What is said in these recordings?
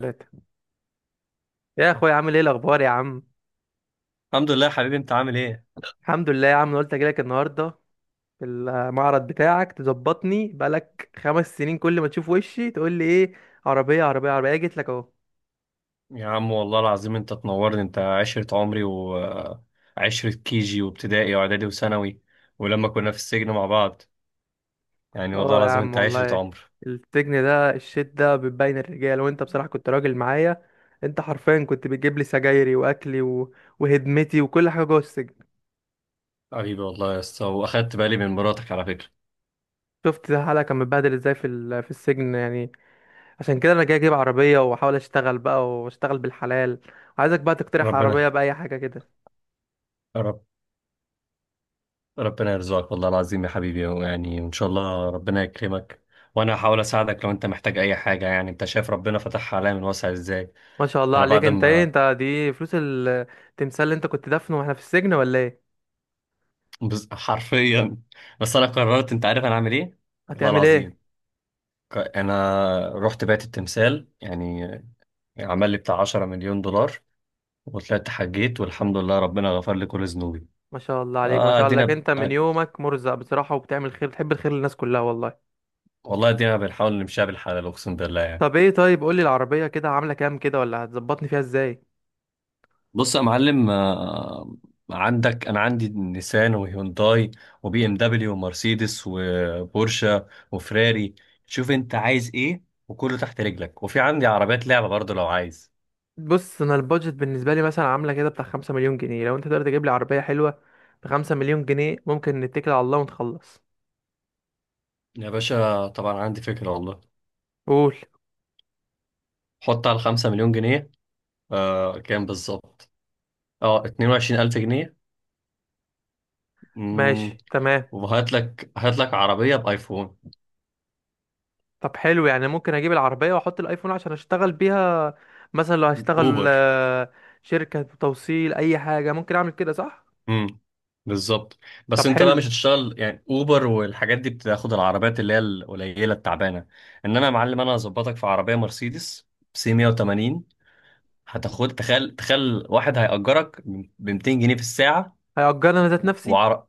ثلاثة. يا اخويا عامل ايه الاخبار يا عم؟ الحمد لله يا حبيبي، انت عامل ايه؟ الحمد لله يا عم، أنا قلت اجيلك النهارده في المعرض بتاعك تظبطني. بقالك 5 سنين كل ما تشوف وشي تقول لي ايه؟ عربية عربية عربية، جيت لك اهو. يا عم والله العظيم انت تنورني. انت عشرة عمري، وعشرة كيجي وابتدائي واعدادي وثانوي، ولما كنا في السجن مع بعض، يعني والله اه يا العظيم عم انت عشرة والله. عمر السجن ده الشit ده بتبين الرجال، وانت بصراحة كنت راجل معايا. انت حرفيا كنت بتجيب لي سجايري واكلي وهدمتي وكل حاجة جوه السجن. حبيبي. والله يا اسطى، واخدت بالي من مراتك على فكرة. شفت حالك كان متبهدل ازاي في السجن يعني. عشان كده انا جاي اجيب عربيه واحاول اشتغل بقى، واشتغل بالحلال. عايزك بقى تقترح عربيه، ربنا باي حاجه كده. رب ربنا يرزقك والله العظيم يا حبيبي، يعني وان شاء الله ربنا يكرمك. وانا هحاول اساعدك لو انت محتاج اي حاجة. يعني انت شايف ربنا فتحها عليا من واسع ازاي. ما شاء الله انا عليك. بعد انت ايه؟ ما انت دي فلوس التمثال اللي انت كنت دفنه واحنا في السجن، ولا ايه؟ حرفيا، بس انا قررت. انت عارف انا اعمل ايه؟ والله هتعمل ايه؟ العظيم، انا رحت بيت التمثال، يعني عمل لي بتاع 10 مليون دولار، وطلعت حجيت والحمد لله ربنا غفر لي كل ذنوبي. ما شاء الله عليك، ما آه شاء الله ادينا عليك. ب... انت من آه، يومك مرزق بصراحه، وبتعمل خير، بتحب الخير للناس كلها والله. والله ادينا بنحاول نمشيها بالحلال اقسم بالله يعني. طب ايه؟ طيب قولي العربيه كده عامله كام كده، ولا هتظبطني فيها ازاي؟ بص يا معلم، عندك. انا عندي نيسان وهيونداي وبي ام دبليو ومرسيدس وبورشة وفراري. شوف انت عايز ايه، وكله تحت رجلك، وفي عندي عربيات لعبة برضه لو عايز. بص، انا البادجت بالنسبه لي مثلا عامله كده بتاع 5 مليون جنيه. لو انت تقدر تجيب لي عربيه حلوه ب 5 مليون جنيه، ممكن نتكل على الله ونخلص. يا باشا طبعا عندي فكرة والله. قول. حط على 5 مليون جنيه. كام بالظبط؟ اه 22,000 جنيه. امم ماشي تمام. وهات لك عربية بآيفون. طب حلو يعني، ممكن اجيب العربية واحط الايفون عشان اشتغل بيها، مثلا لو هشتغل اوبر. شركة توصيل اي حاجة، ممكن اعمل كده صح؟ امم بالظبط. طب بس انت بقى حلو. مش هتشتغل يعني اوبر، والحاجات دي بتاخد العربيات اللي هي القليلة التعبانة. انما يا معلم، انا هظبطك في عربية مرسيدس سي 180. هتاخد، تخيل تخيل، واحد هيأجرك ب 200 جنيه في الساعة. هيأجرني انا ذات نفسي؟ وعر...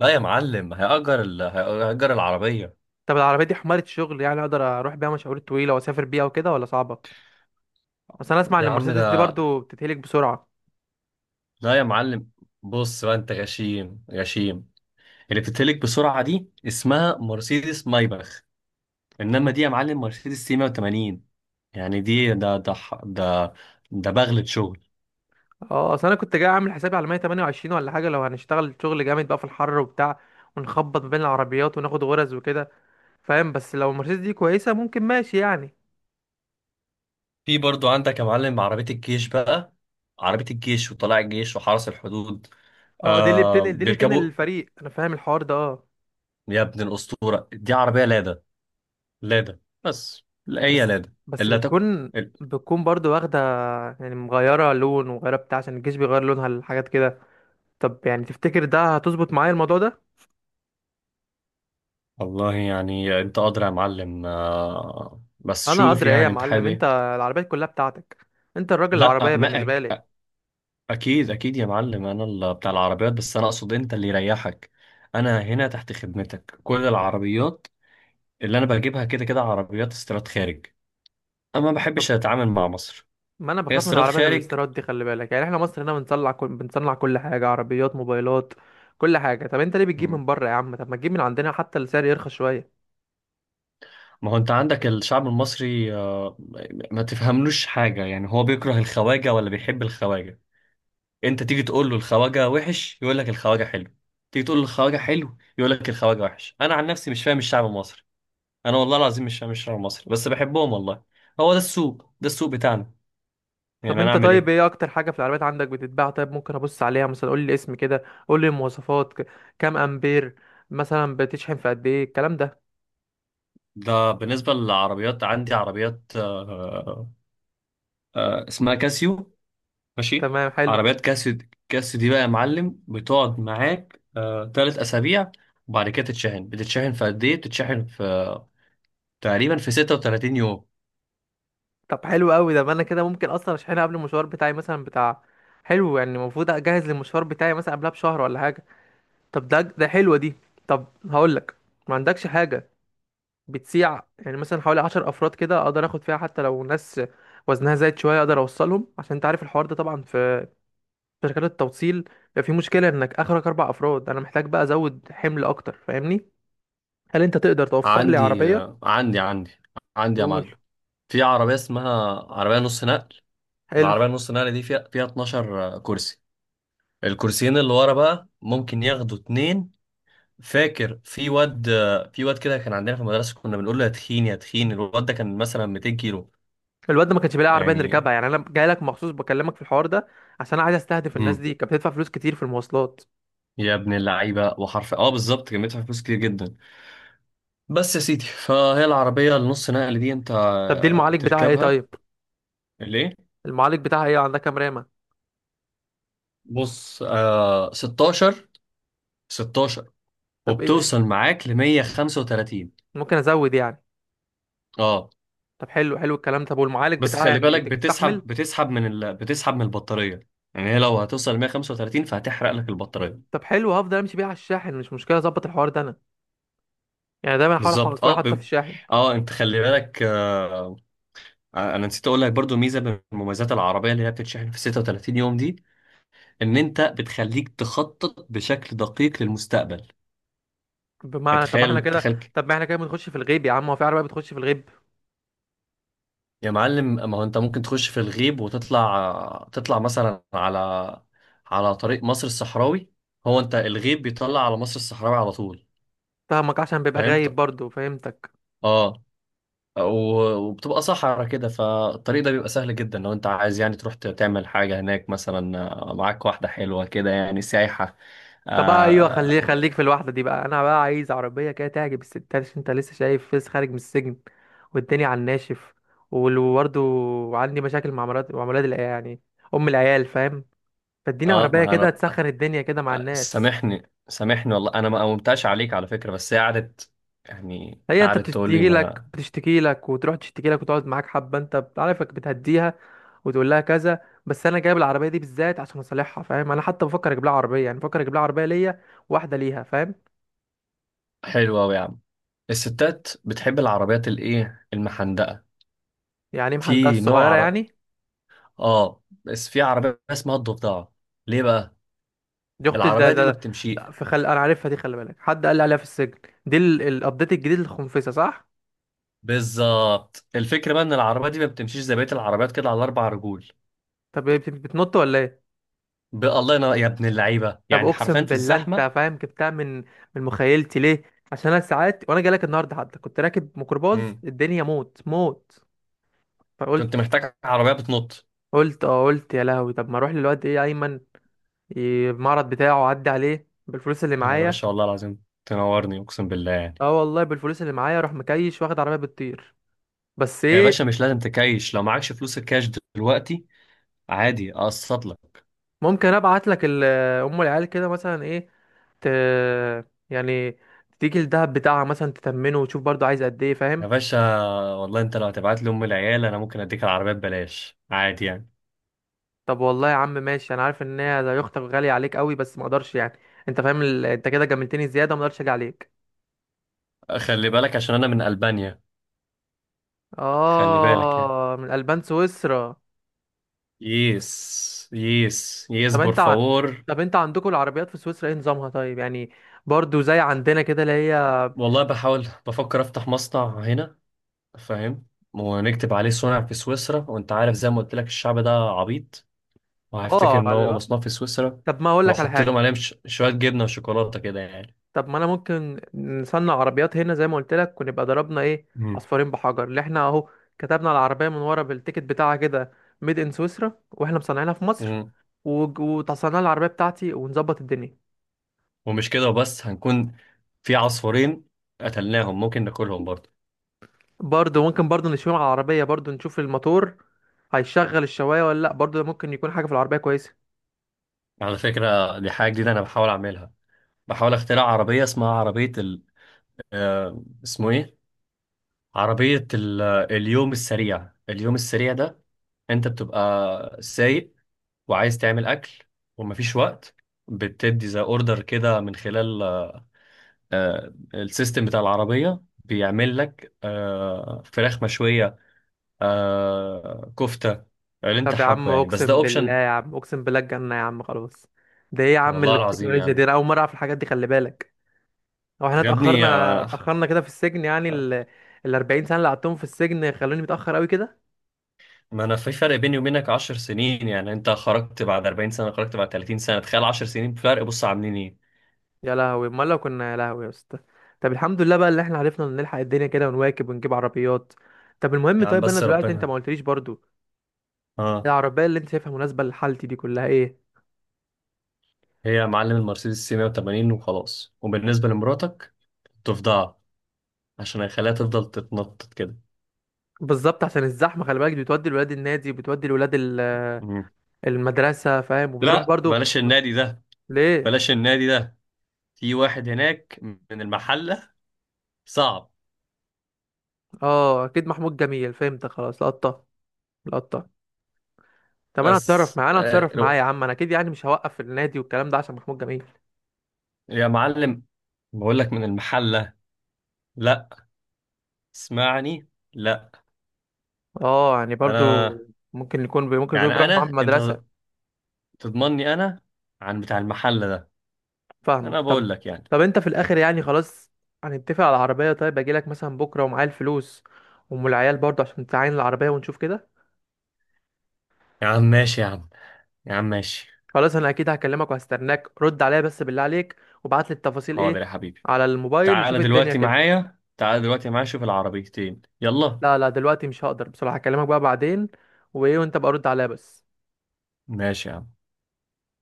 لا يا معلم، هيأجر العربية. طب العربية دي حمارة شغل يعني، اقدر اروح بيها مشاوير طويلة واسافر بيها وكده، ولا صعبة؟ بس انا اسمع ان يا عم المرسيدس دي ده، برضو بتتهلك بسرعة. لا يا معلم. بص بقى، انت غشيم غشيم. اللي بتتهلك بسرعة دي اسمها مرسيدس مايباخ، انما م- دي يا معلم مرسيدس 180. يعني دي ده. ده بغلة شغل. اه، اصل انا كنت جاي اعمل حسابي على 128 ولا حاجة، لو هنشتغل شغل جامد بقى في الحر وبتاع، ونخبط ما بين العربيات وناخد غرز وكده، فاهم؟ بس لو المرسيدس دي كويسة، ممكن ماشي يعني. في برضو عندك يا معلم عربية الجيش بقى. عربية الجيش وطلاع الجيش وحرس الحدود. اه، دي اللي آه، بتنقل دي اللي بتنقل بيركبوا. الفريق، انا فاهم الحوار ده، اه. يا ابن الأسطورة، دي عربية لادا. لادا بس لا هي بس لادا. بس اللي تك... بتكون ال- بتكون برضو واخدة يعني، مغيرة لون ومغيرة بتاع عشان الجيش بيغير لونها الحاجات كده. طب يعني تفتكر ده هتظبط معايا الموضوع ده؟ والله يعني انت قادر يا معلم، بس انا شوف ادري ايه يا يعني انت معلم، حابب انت ايه. العربيات كلها بتاعتك، انت الراجل لا العربية بالنسبة لي. أقمأك. اكيد اكيد يا معلم، انا اللي بتاع العربيات، بس انا اقصد انت اللي يريحك. انا هنا تحت خدمتك، كل العربيات اللي انا بجيبها كده كده عربيات استيراد خارج. انا ما طب بحبش اتعامل مع مصر. ما انا هي بخاف من استيراد العربيات خارج. الاستيراد دي، خلي بالك، يعني احنا مصر هنا بنصنع كل حاجة، عربيات، موبايلات، كل حاجة. طب انت ليه بتجيب مم. من بره يا عم؟ طب ما تجيب من عندنا، حتى السعر يرخص شوية. ما هو انت عندك الشعب المصري، ما تفهملوش حاجة. يعني هو بيكره الخواجة ولا بيحب الخواجة؟ انت تيجي تقول له الخواجة وحش، يقول لك الخواجة حلو. تيجي تقول له الخواجة حلو، يقول لك الخواجة وحش. انا عن نفسي مش فاهم الشعب المصري. انا والله العظيم مش شعر مصري، بس بحبهم والله. هو ده السوق بتاعنا. طب يعني انا انت، اعمل طيب ايه؟ ايه اكتر حاجه في العربيات عندك بتتباع؟ طيب ممكن ابص عليها مثلا، قول لي اسم كده، قول لي المواصفات. كام امبير مثلا بتشحن في قد ايه الكلام ده؟ ده بالنسبه للعربيات، عندي عربيات. اسمها كاسيو. ماشي. تمام حلو. عربيات كاسيو دي بقى يا معلم، بتقعد معاك 3 اسابيع. وبعد كده بتتشحن في قد ايه؟ بتتشحن في تقريبا في 36 يوم. طب حلو قوي ده، ما انا كده ممكن اصلا اشحنها قبل المشوار بتاعي مثلا بتاع. حلو يعني، المفروض اجهز للمشوار بتاعي مثلا قبلها بشهر ولا حاجه. طب ده حلوه دي. طب هقول لك، ما عندكش حاجه بتسيع يعني مثلا حوالي 10 افراد كده، اقدر اخد فيها حتى لو ناس وزنها زايد شويه، اقدر اوصلهم، عشان انت عارف الحوار ده طبعا في شركات التوصيل بيبقى في مشكلة انك اخرك 4 افراد، انا محتاج بقى ازود حمل اكتر، فاهمني؟ هل انت تقدر توفر لي عندي عربية؟ آه عندي عندي عندي يا قول. معلم. في عربيه اسمها عربيه نص نقل. حلو. العربيه نص نقل دي فيها 12 كرسي. الكرسيين اللي ورا بقى ممكن ياخدوا اتنين. فاكر في واد كده كان عندنا في المدرسة، كنا بنقول له يا تخين يا تخين. الواد ده كان مثلا 200 كيلو، الواد ده ما كانش بيلاقي عربية يعني. نركبها يعني، انا جاي لك مخصوص بكلمك في الحوار ده عشان انا عايز استهدف الناس امم دي، كانت بتدفع فلوس كتير في المواصلات. يا ابن اللعيبة وحرف، اه بالظبط، كان بيدفع فلوس كتير جدا. بس يا سيدي فهي العربية النص نقل دي انت طب دي المعالج بتاعها ايه تركبها. طيب؟ ليه؟ المعالج بتاعها ايه؟ عندها كام رامة؟ بص، 16. 16. طب إيه؟ وبتوصل معاك ل 135. ممكن ازود يعني؟ اه. طب حلو، حلو الكلام. طب والمعالج بس بتاعها خلي يعني بالك، بيستحمل؟ بتسحب من البطارية. يعني هي لو هتوصل 135 فهتحرق لك البطارية. طب حلو، هفضل امشي بيها على الشاحن، مش مشكلة، اظبط الحوار ده انا، يعني دايما احاول بالظبط. اكون اه حاطه في ب... الشاحن. اه انت خلي بالك. انا نسيت اقول لك برضو ميزة من مميزات العربية اللي هي بتتشحن في 36 يوم دي، ان انت بتخليك تخطط بشكل دقيق للمستقبل. يعني بمعنى، طب ما احنا تخيل كده. تخيل طب ما احنا كده بنخش في الغيب يا عم، هو في عربية بتخش في الغيب؟ يا معلم، ما هو انت ممكن تخش في الغيب، وتطلع مثلا على طريق مصر الصحراوي. هو انت الغيب بيطلع على مصر الصحراوي على طول. فاهمك، عشان بيبقى غايب فهمت؟ برضو، فهمتك. اه. وبتبقى صحرا كده، فالطريق ده بيبقى سهل جدا لو انت عايز يعني تروح تعمل حاجة هناك مثلا، معاك واحدة حلوة كده، يعني سايحة. طب بقى ايوه، خليك خليك اه, في الواحدة دي بقى. انا بقى عايز عربية كده تعجب الستات، عشان انت لسه شايف، فيس خارج من السجن والدنيا على الناشف، وبرضه عندي مشاكل مع مرات، مع ولاد العيال يعني، ام العيال، فاهم؟ فاديني عربية ما كده انا. تسخن الدنيا كده مع الناس. سامحني سامحني والله، انا ما قومتش عليك على فكرة، بس هي قعدت. يعني هي انت قعدت تقول لي بتشتكي لك ما. بتشتكي لك وتروح تشتكي لك وتقعد معاك حبة، انت عارفك بتهديها وتقول لها كذا. بس انا جايب العربيه دي بالذات عشان اصلحها، فاهم، انا حتى بفكر اجيب لها عربيه، يعني بفكر اجيب لها عربيه ليا، واحده ليها، فاهم؟ حلوة أوي يا عم. الستات بتحب العربيات الايه، المحندقة. يعني محندقه، في نوع الصغيره يعني. اه، بس في عربية اسمها الضفدعة. ليه بقى؟ دي اختي. العربية دي ما بتمشي. انا عارفها دي، خلي بالك، حد قال لي عليها في السجن. دي الابديت الجديد للخنفسه، صح؟ بالظبط. الفكرة بقى ان العربية دي ما بتمشيش زي بقية العربيات كده على اربع رجول. طب هي بتنط ولا ايه؟ الله ينور يا ابن اللعيبة، طب يعني حرفيا اقسم في بالله، الزحمة. انت فاهم جبتها من من مخيلتي ليه؟ عشان انا ساعات وانا جاي لك النهارده حتى كنت راكب ميكروباص، مم. الدنيا موت موت، كنت فقلت، محتاج عربية بتنط. قلت يا لهوي طب ما اروح للواد ايه، ايمن، المعرض بتاعه عدي عليه بالفلوس اللي يا معايا. باشا والله العظيم تنورني اقسم بالله يعني. اه والله بالفلوس اللي معايا اروح مكيش واخد عربيه بتطير. بس يا ايه، باشا، مش لازم تكايش لو معكش فلوس الكاش دلوقتي، عادي اقسط لك. ممكن ابعت لك ام العيال كده مثلا ايه، ت... يعني تيجي الدهب بتاعها مثلا تتمنه وتشوف برضو عايز قد ايه، فاهم؟ يا باشا والله، انت لو هتبعت لي ام العيال، انا ممكن اديك العربية ببلاش عادي يعني. طب والله يا عم ماشي، انا عارف ان هي زي اختك غاليه عليك قوي، بس ما اقدرش يعني. انت فاهم، انت كده جاملتني زياده، ما اقدرش اجي عليك. خلي بالك عشان انا من البانيا. خلي بالك يعني. اه، من البان، سويسرا. يس يس يس طب بور انت ع- فاور. طب انت عندكم العربيات في سويسرا ايه نظامها طيب يعني؟ برضو زي عندنا كده، اللي هي. والله بحاول بفكر افتح مصنع هنا. فاهم؟ ونكتب عليه صنع في سويسرا، وانت عارف زي ما قلت لك، الشعب ده عبيط وهيفتكر اه ان هو مصنوع في سويسرا. طب ما اقول لك على واحط لهم حاجه. عليهم شوية جبنة وشوكولاتة كده يعني. طب ما انا ممكن نصنع عربيات هنا زي ما قلت لك، ونبقى ضربنا ايه؟ مم. عصفورين بحجر، اللي احنا اهو، كتبنا على العربيه من ورا بالتيكت بتاعها كده ميد ان سويسرا، واحنا مصنعينها في مصر. مم. وتصنع العربيه بتاعتي ونظبط الدنيا. ومش كده وبس. هنكون في عصفورين قتلناهم، ممكن ناكلهم برضه. برضو ممكن، برضو نشوف على العربيه، برضو نشوف الموتور هيشغل الشوايه ولا لا، برضو ممكن يكون حاجه في العربيه كويسه. على فكرة دي حاجة جديدة انا بحاول اعملها. بحاول اخترع عربية اسمها عربية اسمه ايه؟ عربية اليوم السريع. اليوم السريع ده، انت بتبقى سايق وعايز تعمل اكل ومفيش وقت. بتدي زي اوردر كده من خلال السيستم بتاع العربية، بيعمل لك فراخ مشوية، كفتة، اللي انت طب يا عم حابه يعني، بس ده اقسم بالله اوبشن. يا عم، اقسم بالله الجنة، يا عم خلاص. ده ايه يا عم والله العظيم يا التكنولوجيا دي؟ عم. انا اول مرة اعرف الحاجات دي، خلي بالك. هو احنا يا ابني اتأخرنا اتأخرنا كده في السجن يعني ال 40 سنة اللي قعدتهم في السجن خلوني متأخر قوي كده. ما انا في فرق بيني وبينك 10 سنين. يعني انت خرجت بعد 40 سنة، خرجت بعد 30 سنة، تخيل 10 سنين فرق. بص عاملين ايه. يا لهوي، امال لو كنا، يا لهوي يا اسطى. طب الحمد لله بقى، اللي احنا عرفنا نلحق الدنيا كده ونواكب ونجيب عربيات. طب المهم يا عم طيب، انا بس دلوقتي انت ما ربنا. قلتليش برضو اه. العربية اللي انت شايفها مناسبة لحالتي دي كلها ايه؟ هي يا معلم المرسيدس سي 180 وخلاص. وبالنسبة لمراتك تفضل، عشان اخليها تفضل تتنطط كده. بالظبط، عشان الزحمة خلي بالك، دي بتودي الولاد النادي، بتودي الولاد مم. المدرسة، فاهم، وبتروح لا، برضو بلاش النادي ده. ليه؟ بلاش النادي ده، في واحد هناك من المحلة، صعب. اه اكيد، محمود جميل، فهمت خلاص، لقطة لقطة. طب انا هتصرف بس معاه، انا هتصرف معاه يا عم، انا اكيد يعني مش هوقف في النادي والكلام ده عشان محمود جميل. يا معلم، بقول لك من المحلة، لا. اسمعني، لا. اه يعني برضو انا، ممكن يكون يعني بيروح معاه من انا انت المدرسة. تضمني انا عن بتاع المحلة ده. انا فاهمك. طب بقول لك يعني. طب انت في الاخر يعني خلاص، هنتفق على العربية، طيب اجي لك مثلا بكرة ومعايا الفلوس، ام العيال برضو عشان تعاين العربية ونشوف كده. يا عم ماشي يا عم، يا عم ماشي. خلاص، انا اكيد هكلمك وهستناك، رد عليا بس بالله عليك، وابعت لي التفاصيل ايه حاضر يا حبيبي. على الموبايل، نشوف تعالى الدنيا دلوقتي كده. معايا، تعالى دلوقتي معايا، شوف العربيتين يلا. لا لا، دلوقتي مش هقدر بصراحة، هكلمك بقى بعدين، وايه، وانت بقى رد عليا بس. ماشي يا عم